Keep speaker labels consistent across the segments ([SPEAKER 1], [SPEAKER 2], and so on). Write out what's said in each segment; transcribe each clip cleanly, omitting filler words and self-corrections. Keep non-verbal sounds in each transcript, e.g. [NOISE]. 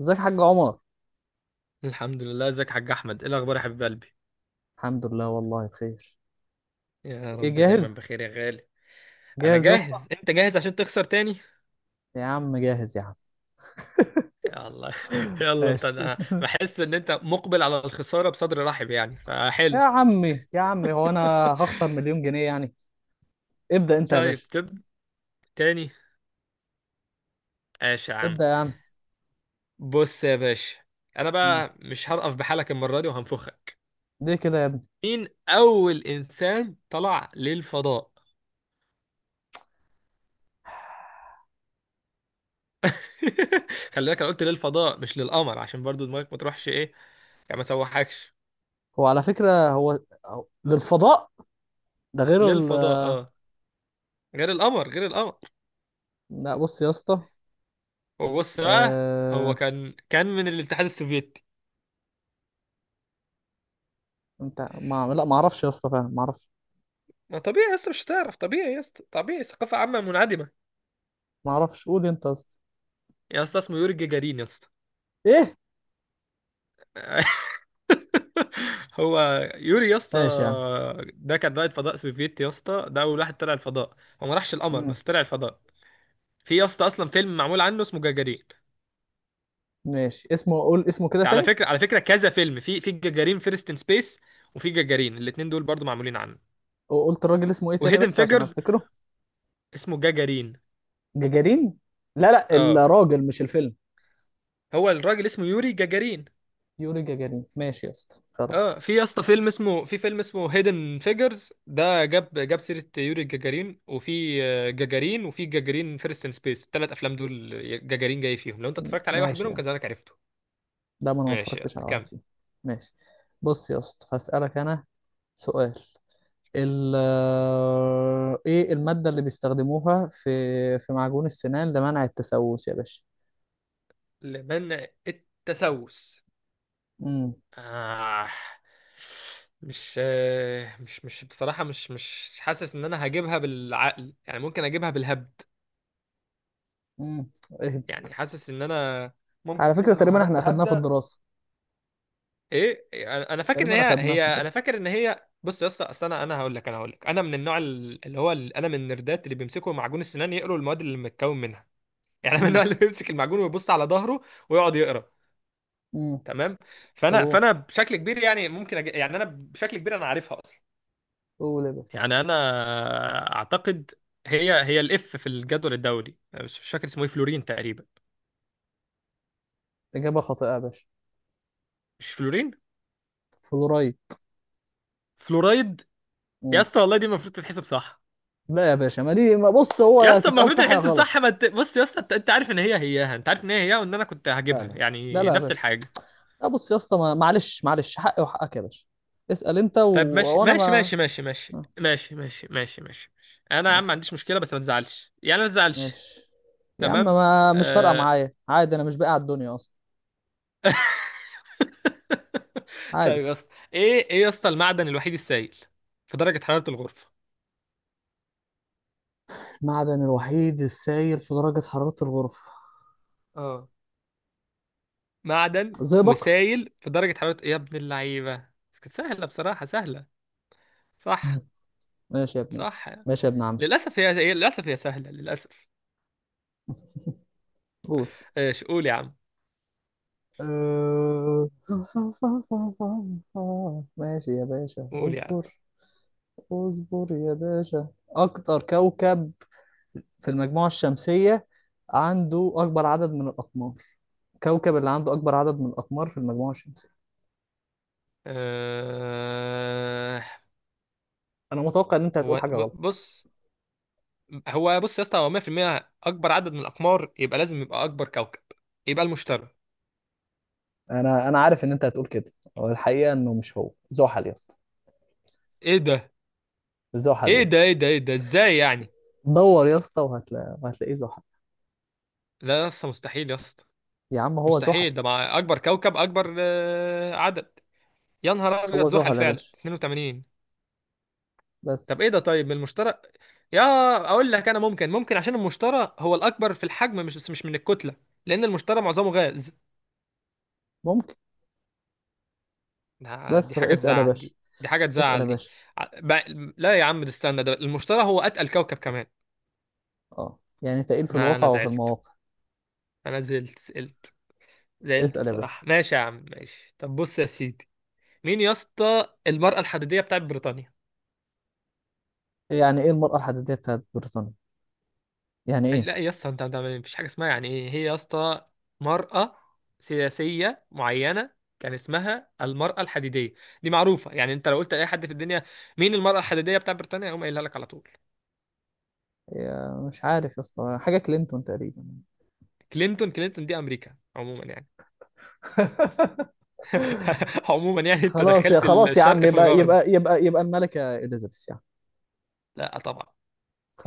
[SPEAKER 1] ازيك يا حاج عمر؟
[SPEAKER 2] الحمد لله. ازيك يا حاج احمد؟ ايه الاخبار يا حبيب قلبي؟
[SPEAKER 1] الحمد لله، والله بخير.
[SPEAKER 2] يا
[SPEAKER 1] ايه،
[SPEAKER 2] رب دايما
[SPEAKER 1] جاهز؟
[SPEAKER 2] بخير يا غالي. انا
[SPEAKER 1] جاهز يا اسطى؟
[SPEAKER 2] جاهز. انت جاهز عشان تخسر تاني؟
[SPEAKER 1] يا عم، جاهز يا عم.
[SPEAKER 2] يلا [LAUGHS]
[SPEAKER 1] [LAUGHS]
[SPEAKER 2] يلا انت.
[SPEAKER 1] ماشي.
[SPEAKER 2] انا بحس ان انت مقبل على الخساره بصدر رحب، يعني
[SPEAKER 1] يا
[SPEAKER 2] فحلو.
[SPEAKER 1] عمي، يا عمي، هو انا هخسر مليون
[SPEAKER 2] [LAUGHS]
[SPEAKER 1] جنيه يعني؟ ابدأ انت يا
[SPEAKER 2] طيب
[SPEAKER 1] باشا.
[SPEAKER 2] تب تاني. ماشي يا عم.
[SPEAKER 1] ابدأ يا عم.
[SPEAKER 2] بص يا باشا، انا
[SPEAKER 1] مم.
[SPEAKER 2] بقى مش هرقف بحالك المره دي وهنفخك.
[SPEAKER 1] ليه كده يا ابني؟
[SPEAKER 2] مين اول انسان طلع للفضاء؟ [LAUGHS] خلي بالك انا قلت للفضاء مش للقمر، عشان برضو دماغك ما تروحش ايه، يعني ما سوحكش.
[SPEAKER 1] هو على فكرة للفضاء، ده غير.
[SPEAKER 2] للفضاء اه، غير القمر غير القمر.
[SPEAKER 1] لا، بص يا اسطى.
[SPEAKER 2] وبص بقى، هو
[SPEAKER 1] آه...
[SPEAKER 2] كان من الاتحاد السوفيتي.
[SPEAKER 1] انت ما... لا، ما اعرفش يا اسطى، فعلا ما اعرفش.
[SPEAKER 2] ما طبيعي يا اسطى مش هتعرف، طبيعي يا اسطى، طبيعي، ثقافة عامة منعدمة.
[SPEAKER 1] ما اعرفش، قول انت يا اسطى.
[SPEAKER 2] يا اسطى اسمه يوري جاجارين يا اسطى.
[SPEAKER 1] ايه؟
[SPEAKER 2] [LAUGHS] هو يوري يا اسطى.
[SPEAKER 1] ماشي يا عم.
[SPEAKER 2] ده كان رائد فضاء سوفيتي يا اسطى، ده اول واحد طلع الفضاء. هو ما راحش القمر
[SPEAKER 1] مم.
[SPEAKER 2] بس طلع الفضاء. في يا اسطى اصلا فيلم معمول عنه اسمه جاجارين.
[SPEAKER 1] ماشي، اسمه، قول اسمه كده
[SPEAKER 2] ده على
[SPEAKER 1] تاني.
[SPEAKER 2] فكرة، على فكرة كذا فيلم، في جاجارين فيرست ان سبيس، وفي جاجارين، الاتنين دول برضو معمولين عنه.
[SPEAKER 1] قلت الراجل اسمه ايه تاني،
[SPEAKER 2] وهيدن
[SPEAKER 1] بس عشان
[SPEAKER 2] فيجرز.
[SPEAKER 1] افتكره.
[SPEAKER 2] اسمه جاجارين.
[SPEAKER 1] جاجارين. لا، لا،
[SPEAKER 2] اه،
[SPEAKER 1] الراجل مش الفيلم.
[SPEAKER 2] هو الراجل اسمه يوري جاجارين.
[SPEAKER 1] يوري جاجارين، ماشي يا اسطى،
[SPEAKER 2] اه
[SPEAKER 1] خلاص.
[SPEAKER 2] في يا اسطى فيلم اسمه، في فيلم اسمه هيدن فيجرز، ده جاب جاب سيرة يوري جاجارين، وفي جاجارين، وفي جاجارين فيرست ان سبيس. الثلاث افلام دول جاجارين جاي فيهم. لو انت اتفرجت على اي واحد
[SPEAKER 1] ماشي
[SPEAKER 2] منهم
[SPEAKER 1] يعني.
[SPEAKER 2] كان زمانك عرفته.
[SPEAKER 1] ده، ما انا ما
[SPEAKER 2] ماشي يلا
[SPEAKER 1] اتفرجتش على واحد
[SPEAKER 2] كمل.
[SPEAKER 1] فيهم. ماشي. بص يا اسطى، هسألك انا سؤال. ال آه، ايه المادة اللي بيستخدموها في معجون السنان لمنع التسوس يا باشا؟
[SPEAKER 2] لمن التسوس؟
[SPEAKER 1] امم.
[SPEAKER 2] آه. مش بصراحة مش حاسس ان انا هجيبها بالعقل، يعني ممكن اجيبها بالهبد.
[SPEAKER 1] امم. إيه؟
[SPEAKER 2] يعني حاسس ان انا
[SPEAKER 1] على
[SPEAKER 2] ممكن
[SPEAKER 1] فكرة،
[SPEAKER 2] كده لو
[SPEAKER 1] تقريبا احنا
[SPEAKER 2] هبت
[SPEAKER 1] اخدناها في
[SPEAKER 2] هبدة.
[SPEAKER 1] الدراسة.
[SPEAKER 2] ايه، انا فاكر ان
[SPEAKER 1] تقريبا
[SPEAKER 2] هي
[SPEAKER 1] اخدناها في
[SPEAKER 2] هي
[SPEAKER 1] الدراسة.
[SPEAKER 2] انا فاكر ان هي، بص يا اسطى، اصل انا هقول لك، انا هقول لك، انا من النوع انا من النردات اللي بيمسكوا معجون السنان يقروا المواد اللي متكون منها. [LAUGHS] يعني انا من
[SPEAKER 1] امم.
[SPEAKER 2] النوع اللي بيمسك المعجون ويبص على ظهره ويقعد يقرا.
[SPEAKER 1] امم.
[SPEAKER 2] تمام.
[SPEAKER 1] طب،
[SPEAKER 2] فانا
[SPEAKER 1] قول،
[SPEAKER 2] فانا بشكل كبير، يعني يعني انا بشكل كبير انا عارفها اصلا.
[SPEAKER 1] قول يا باشا.
[SPEAKER 2] يعني انا اعتقد هي الاف في الجدول الدوري، مش فاكر اسمه ايه، فلورين تقريبا.
[SPEAKER 1] إجابة خاطئة يا باشا.
[SPEAKER 2] مش فلورين،
[SPEAKER 1] فلورايد.
[SPEAKER 2] فلورايد. يا
[SPEAKER 1] امم.
[SPEAKER 2] اسطى والله دي المفروض تتحسب صح.
[SPEAKER 1] لا يا باشا، ما دي، ما بص، هو
[SPEAKER 2] يا
[SPEAKER 1] يا
[SPEAKER 2] اسطى
[SPEAKER 1] تتقال
[SPEAKER 2] المفروض
[SPEAKER 1] صح يا
[SPEAKER 2] الحزب صح، ما
[SPEAKER 1] غلط.
[SPEAKER 2] انت بص يا اسطى، انت انت عارف ان هي هياها، انت عارف ان هي هياها وان انا كنت
[SPEAKER 1] لا،
[SPEAKER 2] هجيبها،
[SPEAKER 1] لا. لا،
[SPEAKER 2] يعني
[SPEAKER 1] لا يا
[SPEAKER 2] نفس
[SPEAKER 1] باشا.
[SPEAKER 2] الحاجه.
[SPEAKER 1] لا، بص يا اسطى، معلش، معلش، حقي وحقك يا باشا. اسأل انت.
[SPEAKER 2] طيب ماشي
[SPEAKER 1] وانا
[SPEAKER 2] ماشي
[SPEAKER 1] ما.
[SPEAKER 2] ماشي ماشي ماشي
[SPEAKER 1] آه،
[SPEAKER 2] ماشي ماشي ماشي ماشي ماشي، انا يا عم ما
[SPEAKER 1] ماشي،
[SPEAKER 2] عنديش مشكله، بس ما تزعلش يعني، ما تزعلش.
[SPEAKER 1] ماشي يا عم،
[SPEAKER 2] تمام.
[SPEAKER 1] ما مش فارقة
[SPEAKER 2] آه...
[SPEAKER 1] معايا، عادي، انا مش باقي على الدنيا اصلا.
[SPEAKER 2] [LAUGHS]
[SPEAKER 1] عادي.
[SPEAKER 2] طيب يا اسطى، ايه ايه يا اسطى المعدن الوحيد السائل في درجه حراره الغرفه؟
[SPEAKER 1] المعدن الوحيد السائل في درجة حرارة الغرفة؟
[SPEAKER 2] اه معدن
[SPEAKER 1] زئبق.
[SPEAKER 2] وسائل في درجه حراره، يا ابن اللعيبه بس، كانت سهله بصراحه سهله.
[SPEAKER 1] مم.
[SPEAKER 2] صح.
[SPEAKER 1] ماشي يا ابن.
[SPEAKER 2] صح.
[SPEAKER 1] ماشي يا ابن عم.
[SPEAKER 2] للاسف للاسف هي سهله للاسف.
[SPEAKER 1] قول.
[SPEAKER 2] ايش قول يا عم.
[SPEAKER 1] آه. [LAUGHS] ماشي يا باشا،
[SPEAKER 2] قول يا عم.
[SPEAKER 1] اصبر. اصبر يا باشا. اكتر كوكب في المجموعة الشمسية عنده اكبر عدد من الاقمار؟ كوكب اللي عنده اكبر عدد من الاقمار في المجموعة الشمسية؟
[SPEAKER 2] أه...
[SPEAKER 1] انا متوقع ان انت هتقول حاجة غلط.
[SPEAKER 2] بص، هو بص يا اسطى، هو 100% اكبر عدد من الاقمار، يبقى لازم يبقى اكبر كوكب، يبقى المشتري.
[SPEAKER 1] انا عارف ان انت هتقول كده. هو الحقيقة انه مش، هو زحل يا اسطى.
[SPEAKER 2] ايه ده،
[SPEAKER 1] زحل يا
[SPEAKER 2] ايه ده،
[SPEAKER 1] اسطى.
[SPEAKER 2] ايه ده، ايه ده، ازاي يعني؟
[SPEAKER 1] دور يا اسطى وهتلاقيه زحل.
[SPEAKER 2] لا يا اسطى مستحيل يا اسطى،
[SPEAKER 1] يا عم، هو زحل.
[SPEAKER 2] مستحيل ده مع اكبر كوكب، اكبر عدد. يا نهار ابيض،
[SPEAKER 1] هو
[SPEAKER 2] زحل
[SPEAKER 1] زحل يا
[SPEAKER 2] فعلا
[SPEAKER 1] باشا،
[SPEAKER 2] 82. طب ايه
[SPEAKER 1] بس.
[SPEAKER 2] ده، طيب من المشتري، يا، اقول لك انا ممكن، ممكن عشان المشتري هو الاكبر في الحجم، مش بس مش من الكتله، لان المشتري معظمه غاز.
[SPEAKER 1] ممكن.
[SPEAKER 2] دي
[SPEAKER 1] بس
[SPEAKER 2] حاجة
[SPEAKER 1] اسأل يا
[SPEAKER 2] تزعل،
[SPEAKER 1] باشا.
[SPEAKER 2] دي حاجة
[SPEAKER 1] اسأل يا
[SPEAKER 2] تزعل دي.
[SPEAKER 1] باشا.
[SPEAKER 2] لا يا عم، ده استنى، ده المشتري هو أتقل كوكب كمان.
[SPEAKER 1] اه، يعني تقيل في
[SPEAKER 2] أنا
[SPEAKER 1] الواقع
[SPEAKER 2] أنا
[SPEAKER 1] وفي
[SPEAKER 2] زعلت،
[SPEAKER 1] المواقع.
[SPEAKER 2] أنا زعلت زعلت
[SPEAKER 1] اسأل يا باشا.
[SPEAKER 2] بصراحة. ماشي يا عم، ماشي. طب بص يا سيدي، مين يا اسطى المرأة الحديدية بتاعت بريطانيا؟
[SPEAKER 1] يعني ايه المرأة الحديدية بتاعت بريطانيا؟ يعني ايه؟
[SPEAKER 2] لا يا اسطى، انت مفيش حاجة اسمها يعني ايه هي يا اسطى، مرأة سياسية معينة كان اسمها المرأة الحديدية، دي معروفة يعني، انت لو قلت لأي حد في الدنيا مين المرأة الحديدية بتاعت بريطانيا هيقوم قايلها لك على طول.
[SPEAKER 1] يا، مش عارف يا اسطى، حاجه كلينتون تقريبا.
[SPEAKER 2] كلينتون؟ كلينتون دي أمريكا عموما يعني.
[SPEAKER 1] [LAUGHS]
[SPEAKER 2] [LAUGHS] عموما يعني انت دخلت
[SPEAKER 1] خلاص يا عم،
[SPEAKER 2] الشرق في
[SPEAKER 1] يبقى
[SPEAKER 2] الغرب.
[SPEAKER 1] يبقى يبقى يبقى الملكه اليزابيث يعني.
[SPEAKER 2] لا طبعا،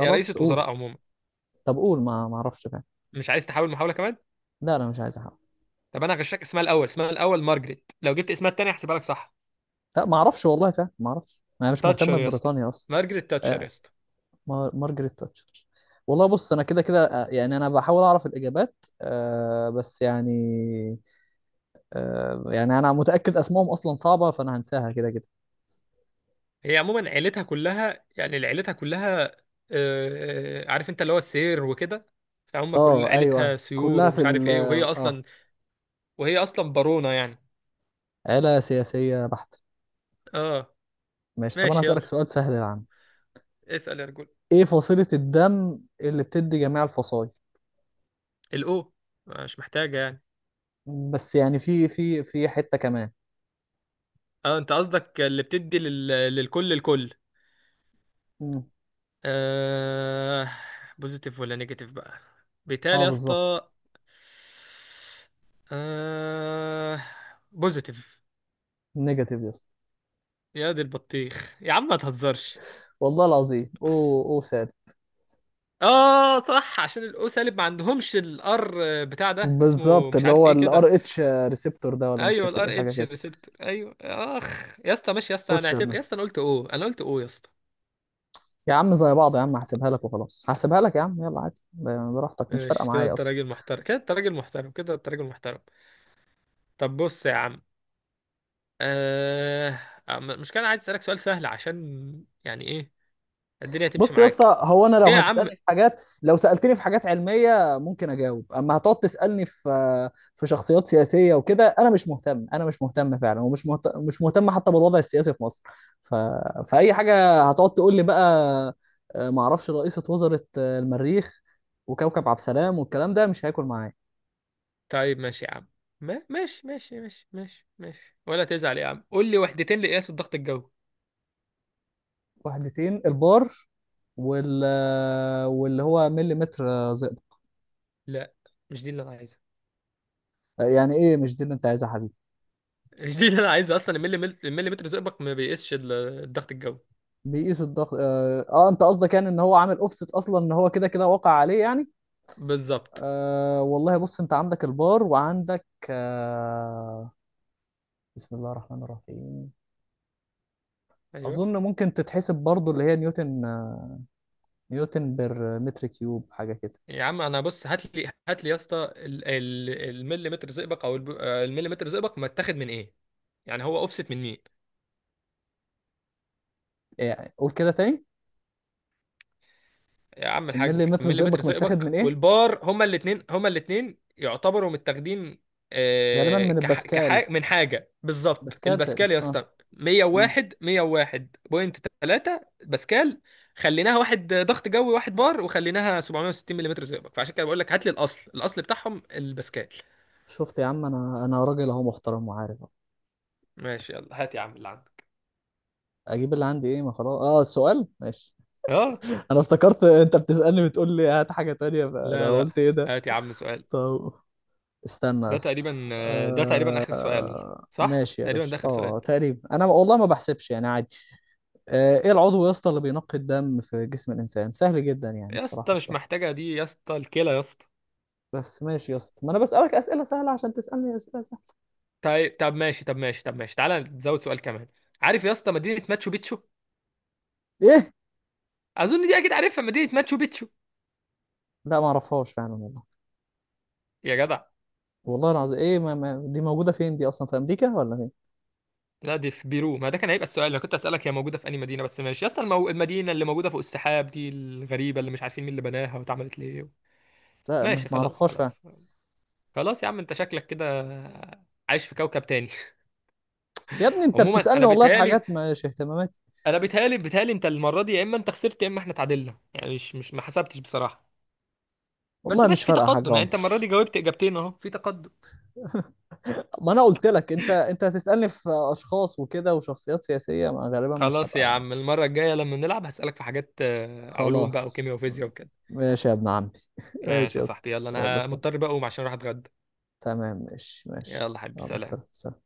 [SPEAKER 2] هي رئيسة
[SPEAKER 1] قول.
[SPEAKER 2] وزراء عموما.
[SPEAKER 1] طب قول، ما اعرفش فعلا.
[SPEAKER 2] مش عايز تحاول محاولة كمان؟
[SPEAKER 1] لا، انا مش عايز احاول.
[SPEAKER 2] طب انا هغشك، اسمها الاول، اسمها الاول مارجريت، لو جبت اسمها التاني هحسبها لك صح.
[SPEAKER 1] لا، ما اعرفش والله، فعلا ما اعرفش، انا مش مهتم
[SPEAKER 2] تاتشر يا اسطى،
[SPEAKER 1] ببريطانيا اصلا.
[SPEAKER 2] مارجريت تاتشر يا
[SPEAKER 1] آه.
[SPEAKER 2] اسطى.
[SPEAKER 1] مارجريت تاتشر. والله، بص انا كده كده، يعني انا بحاول اعرف الاجابات. آه، بس يعني. آه، يعني انا متاكد اسمائهم اصلا صعبه، فانا هنساها كده كده.
[SPEAKER 2] هي عموما عيلتها كلها، يعني عيلتها كلها عارف انت، اللي هو السير وكده، فهم كل
[SPEAKER 1] اه، ايوه، ايوه،
[SPEAKER 2] عيلتها سيور
[SPEAKER 1] كلها في
[SPEAKER 2] ومش عارف
[SPEAKER 1] ال.
[SPEAKER 2] ايه،
[SPEAKER 1] اه.
[SPEAKER 2] وهي اصلا بارونة يعني.
[SPEAKER 1] عيلة سياسية بحتة.
[SPEAKER 2] اه.
[SPEAKER 1] ماشي، طب أنا
[SPEAKER 2] ماشي
[SPEAKER 1] هسألك
[SPEAKER 2] يلا،
[SPEAKER 1] سؤال سهل يا عم.
[SPEAKER 2] اسأل يا رجل.
[SPEAKER 1] إيه فصيلة الدم اللي بتدي جميع الفصائل؟
[SPEAKER 2] الاو، مش محتاجة يعني.
[SPEAKER 1] بس يعني في حتة كمان.
[SPEAKER 2] اه انت قصدك اللي بتدي لل... للكل، الكل.
[SPEAKER 1] مم.
[SPEAKER 2] آه... بوزيتيف ولا نيجاتيف بقى؟ بيتهيألي
[SPEAKER 1] أه،
[SPEAKER 2] يا
[SPEAKER 1] بالظبط.
[SPEAKER 2] اسطى. آه... بوزيتيف.
[SPEAKER 1] نيجاتيف، يس.
[SPEAKER 2] يا دي البطيخ يا عم، ما تهزرش.
[SPEAKER 1] والله العظيم، أوه أوه ساد.
[SPEAKER 2] اه صح، عشان الاو سالب ما عندهمش الار بتاع ده، اسمه
[SPEAKER 1] بالظبط،
[SPEAKER 2] مش
[SPEAKER 1] اللي
[SPEAKER 2] عارف
[SPEAKER 1] هو
[SPEAKER 2] ايه كده.
[SPEAKER 1] الار اتش ريسبتور ده، ولا مش
[SPEAKER 2] ايوه
[SPEAKER 1] فاكر ايه
[SPEAKER 2] الار
[SPEAKER 1] حاجه
[SPEAKER 2] اتش
[SPEAKER 1] كده.
[SPEAKER 2] الريسبتور، ايوه اخ يا اسطى، ماشي يا اسطى، انا
[SPEAKER 1] خش يا ابني.
[SPEAKER 2] اعتبر يا اسطى انا قلت او، انا قلت او يا اسطى.
[SPEAKER 1] يا عم زي بعض يا عم، هحسبها لك وخلاص، هحسبها لك يا عم، يلا عادي، براحتك، مش فارقه
[SPEAKER 2] ماشي كده،
[SPEAKER 1] معايا
[SPEAKER 2] انت
[SPEAKER 1] اصلا.
[SPEAKER 2] راجل محترم كده، انت راجل محترم كده، انت راجل محترم. طب بص يا عم، آه... المشكلة أنا عايز أسألك سؤال سهل عشان يعني إيه الدنيا تمشي
[SPEAKER 1] بص يا
[SPEAKER 2] معاك.
[SPEAKER 1] اسطى، هو انا
[SPEAKER 2] إيه يا عم؟
[SPEAKER 1] لو سالتني في حاجات علميه ممكن اجاوب، اما هتقعد تسالني في شخصيات سياسيه وكده، انا مش مهتم فعلا، مش مهتم حتى بالوضع السياسي في مصر. ف... فاي حاجه هتقعد تقول لي بقى؟ ما اعرفش رئيسه وزاره المريخ وكوكب عبد السلام، والكلام ده مش هياكل معايا.
[SPEAKER 2] طيب ماشي يا عم، ما... ماشي ماشي ماشي ماشي ماشي، ولا تزعل يا عم، قول لي وحدتين لقياس الضغط الجوي.
[SPEAKER 1] وحدتين، البار وال... واللي هو مليمتر زئبق.
[SPEAKER 2] لا، مش دي اللي أنا عايزها.
[SPEAKER 1] يعني ايه، مش دي اللي انت عايزها يا حبيبي؟
[SPEAKER 2] [LAUGHS] مش دي اللي أنا عايزها أصلا، المليمتر زئبق ما بيقيسش الضغط الجوي.
[SPEAKER 1] بيقيس الضغط انت قصدك يعني ان هو عامل اوفست، اصلا ان هو كده كده واقع عليه يعني.
[SPEAKER 2] بالظبط.
[SPEAKER 1] آه، والله بص انت عندك البار، وعندك. بسم الله الرحمن الرحيم.
[SPEAKER 2] أيوه.
[SPEAKER 1] اظن ممكن تتحسب برضو اللي هي نيوتن بر متر كيوب حاجه كده.
[SPEAKER 2] يا عم أنا بص، هات لي يا اسطى المليمتر زئبق، أو المليمتر زئبق متاخد من إيه، يعني هو أوفست من مين.
[SPEAKER 1] يعني قول كده تاني.
[SPEAKER 2] يا عم
[SPEAKER 1] الملي
[SPEAKER 2] الحاج
[SPEAKER 1] متر
[SPEAKER 2] مليمتر
[SPEAKER 1] زئبق متاخد
[SPEAKER 2] ثقبك
[SPEAKER 1] من ايه؟
[SPEAKER 2] والبار، هما الاتنين، هما الاتنين يعتبروا متاخدين
[SPEAKER 1] غالبا من الباسكال.
[SPEAKER 2] من حاجة بالظبط،
[SPEAKER 1] باسكال تقريبا،
[SPEAKER 2] الباسكال يا
[SPEAKER 1] اه.
[SPEAKER 2] اسطى،
[SPEAKER 1] مم.
[SPEAKER 2] 101، 101.3 باسكال. خليناها واحد ضغط جوي، واحد بار، وخليناها 760 مليمتر ثقبك، فعشان كده بقول لك هات لي الاصل، الاصل بتاعهم الباسكال.
[SPEAKER 1] شفت يا عم، انا راجل اهو محترم وعارف.
[SPEAKER 2] ماشي يلا، هات يا عم اللي عندك.
[SPEAKER 1] اجيب اللي عندي ايه؟ ما خلاص، اه، السؤال ماشي.
[SPEAKER 2] اه،
[SPEAKER 1] انا افتكرت انت بتسألني، بتقول لي هات حاجة تانية، فانا
[SPEAKER 2] لا لا،
[SPEAKER 1] قلت ايه ده.
[SPEAKER 2] هات يا عم سؤال.
[SPEAKER 1] طب استنى يا
[SPEAKER 2] ده
[SPEAKER 1] اسطى،
[SPEAKER 2] تقريبا ده تقريبا اخر سؤال، صح؟
[SPEAKER 1] ماشي يا
[SPEAKER 2] تقريبا ده
[SPEAKER 1] باشا،
[SPEAKER 2] اخر سؤال.
[SPEAKER 1] اه، تقريبا انا والله ما بحسبش يعني، عادي. ايه العضو يا اسطى اللي بينقي الدم في جسم الانسان؟ سهل جدا يعني
[SPEAKER 2] يا
[SPEAKER 1] الصراحة
[SPEAKER 2] اسطى مش
[SPEAKER 1] السؤال.
[SPEAKER 2] محتاجة دي يا اسطى، الكلى يا اسطى.
[SPEAKER 1] بس ماشي يا اسطى، ما انا بسألك أسئلة سهلة عشان تسألني أسئلة سهلة.
[SPEAKER 2] طيب طب ماشي، طب ماشي، طب ماشي، تعالى نزود سؤال كمان. عارف يا اسطى مدينة ماتشو بيتشو؟
[SPEAKER 1] ايه؟
[SPEAKER 2] اظن دي اكيد عارفها، مدينة ماتشو بيتشو.
[SPEAKER 1] لا، ما اعرفهاش فعلا والله.
[SPEAKER 2] يا جدع.
[SPEAKER 1] والله العظيم، ايه؟ ما... ما... دي موجودة فين دي اصلا، في امريكا ولا فين؟
[SPEAKER 2] لا دي في بيرو، ما ده كان هيبقى السؤال، انا كنت اسالك هي موجودة في انهي مدينة، بس ماشي يا اسطى، المدينة اللي موجودة فوق السحاب دي الغريبة، اللي مش عارفين مين اللي بناها واتعملت ليه.
[SPEAKER 1] لا، ما
[SPEAKER 2] ماشي
[SPEAKER 1] ما
[SPEAKER 2] خلاص
[SPEAKER 1] اعرفهاش فعلا.
[SPEAKER 2] خلاص. خلاص يا عم، انت شكلك كده عايش في كوكب تاني.
[SPEAKER 1] يا ابني
[SPEAKER 2] [LAUGHS]
[SPEAKER 1] انت
[SPEAKER 2] عموما
[SPEAKER 1] بتسألني
[SPEAKER 2] انا
[SPEAKER 1] والله في
[SPEAKER 2] بيتهيالي،
[SPEAKER 1] حاجات مش اهتماماتي.
[SPEAKER 2] انا بيتهيالي انت المرة دي، يا اما انت خسرت يا اما احنا تعادلنا، يعني مش ما حسبتش بصراحة. بس
[SPEAKER 1] والله مش
[SPEAKER 2] ماشي في
[SPEAKER 1] فارقة حاجة،
[SPEAKER 2] تقدم يعني، انت
[SPEAKER 1] عمر.
[SPEAKER 2] المره دي جاوبت اجابتين، اهو في تقدم.
[SPEAKER 1] ما انا قلت لك، انت هتسألني في اشخاص وكده وشخصيات سياسية، ما غالبا مش
[SPEAKER 2] خلاص يا
[SPEAKER 1] هبقى.
[SPEAKER 2] عم، المره الجايه لما نلعب هسألك في حاجات علوم بقى
[SPEAKER 1] خلاص.
[SPEAKER 2] وكيمياء وفيزياء وكده.
[SPEAKER 1] ماشي يا ابن عمي. ماشي
[SPEAKER 2] ماشي يا
[SPEAKER 1] يا اسطى.
[SPEAKER 2] صاحبي، يلا
[SPEAKER 1] يلا،
[SPEAKER 2] انا
[SPEAKER 1] سلام.
[SPEAKER 2] مضطر بقى اقوم عشان اروح اتغدى.
[SPEAKER 1] تمام، ماشي ماشي،
[SPEAKER 2] يلا حبيبي
[SPEAKER 1] يلا
[SPEAKER 2] سلام.
[SPEAKER 1] سلام سلام.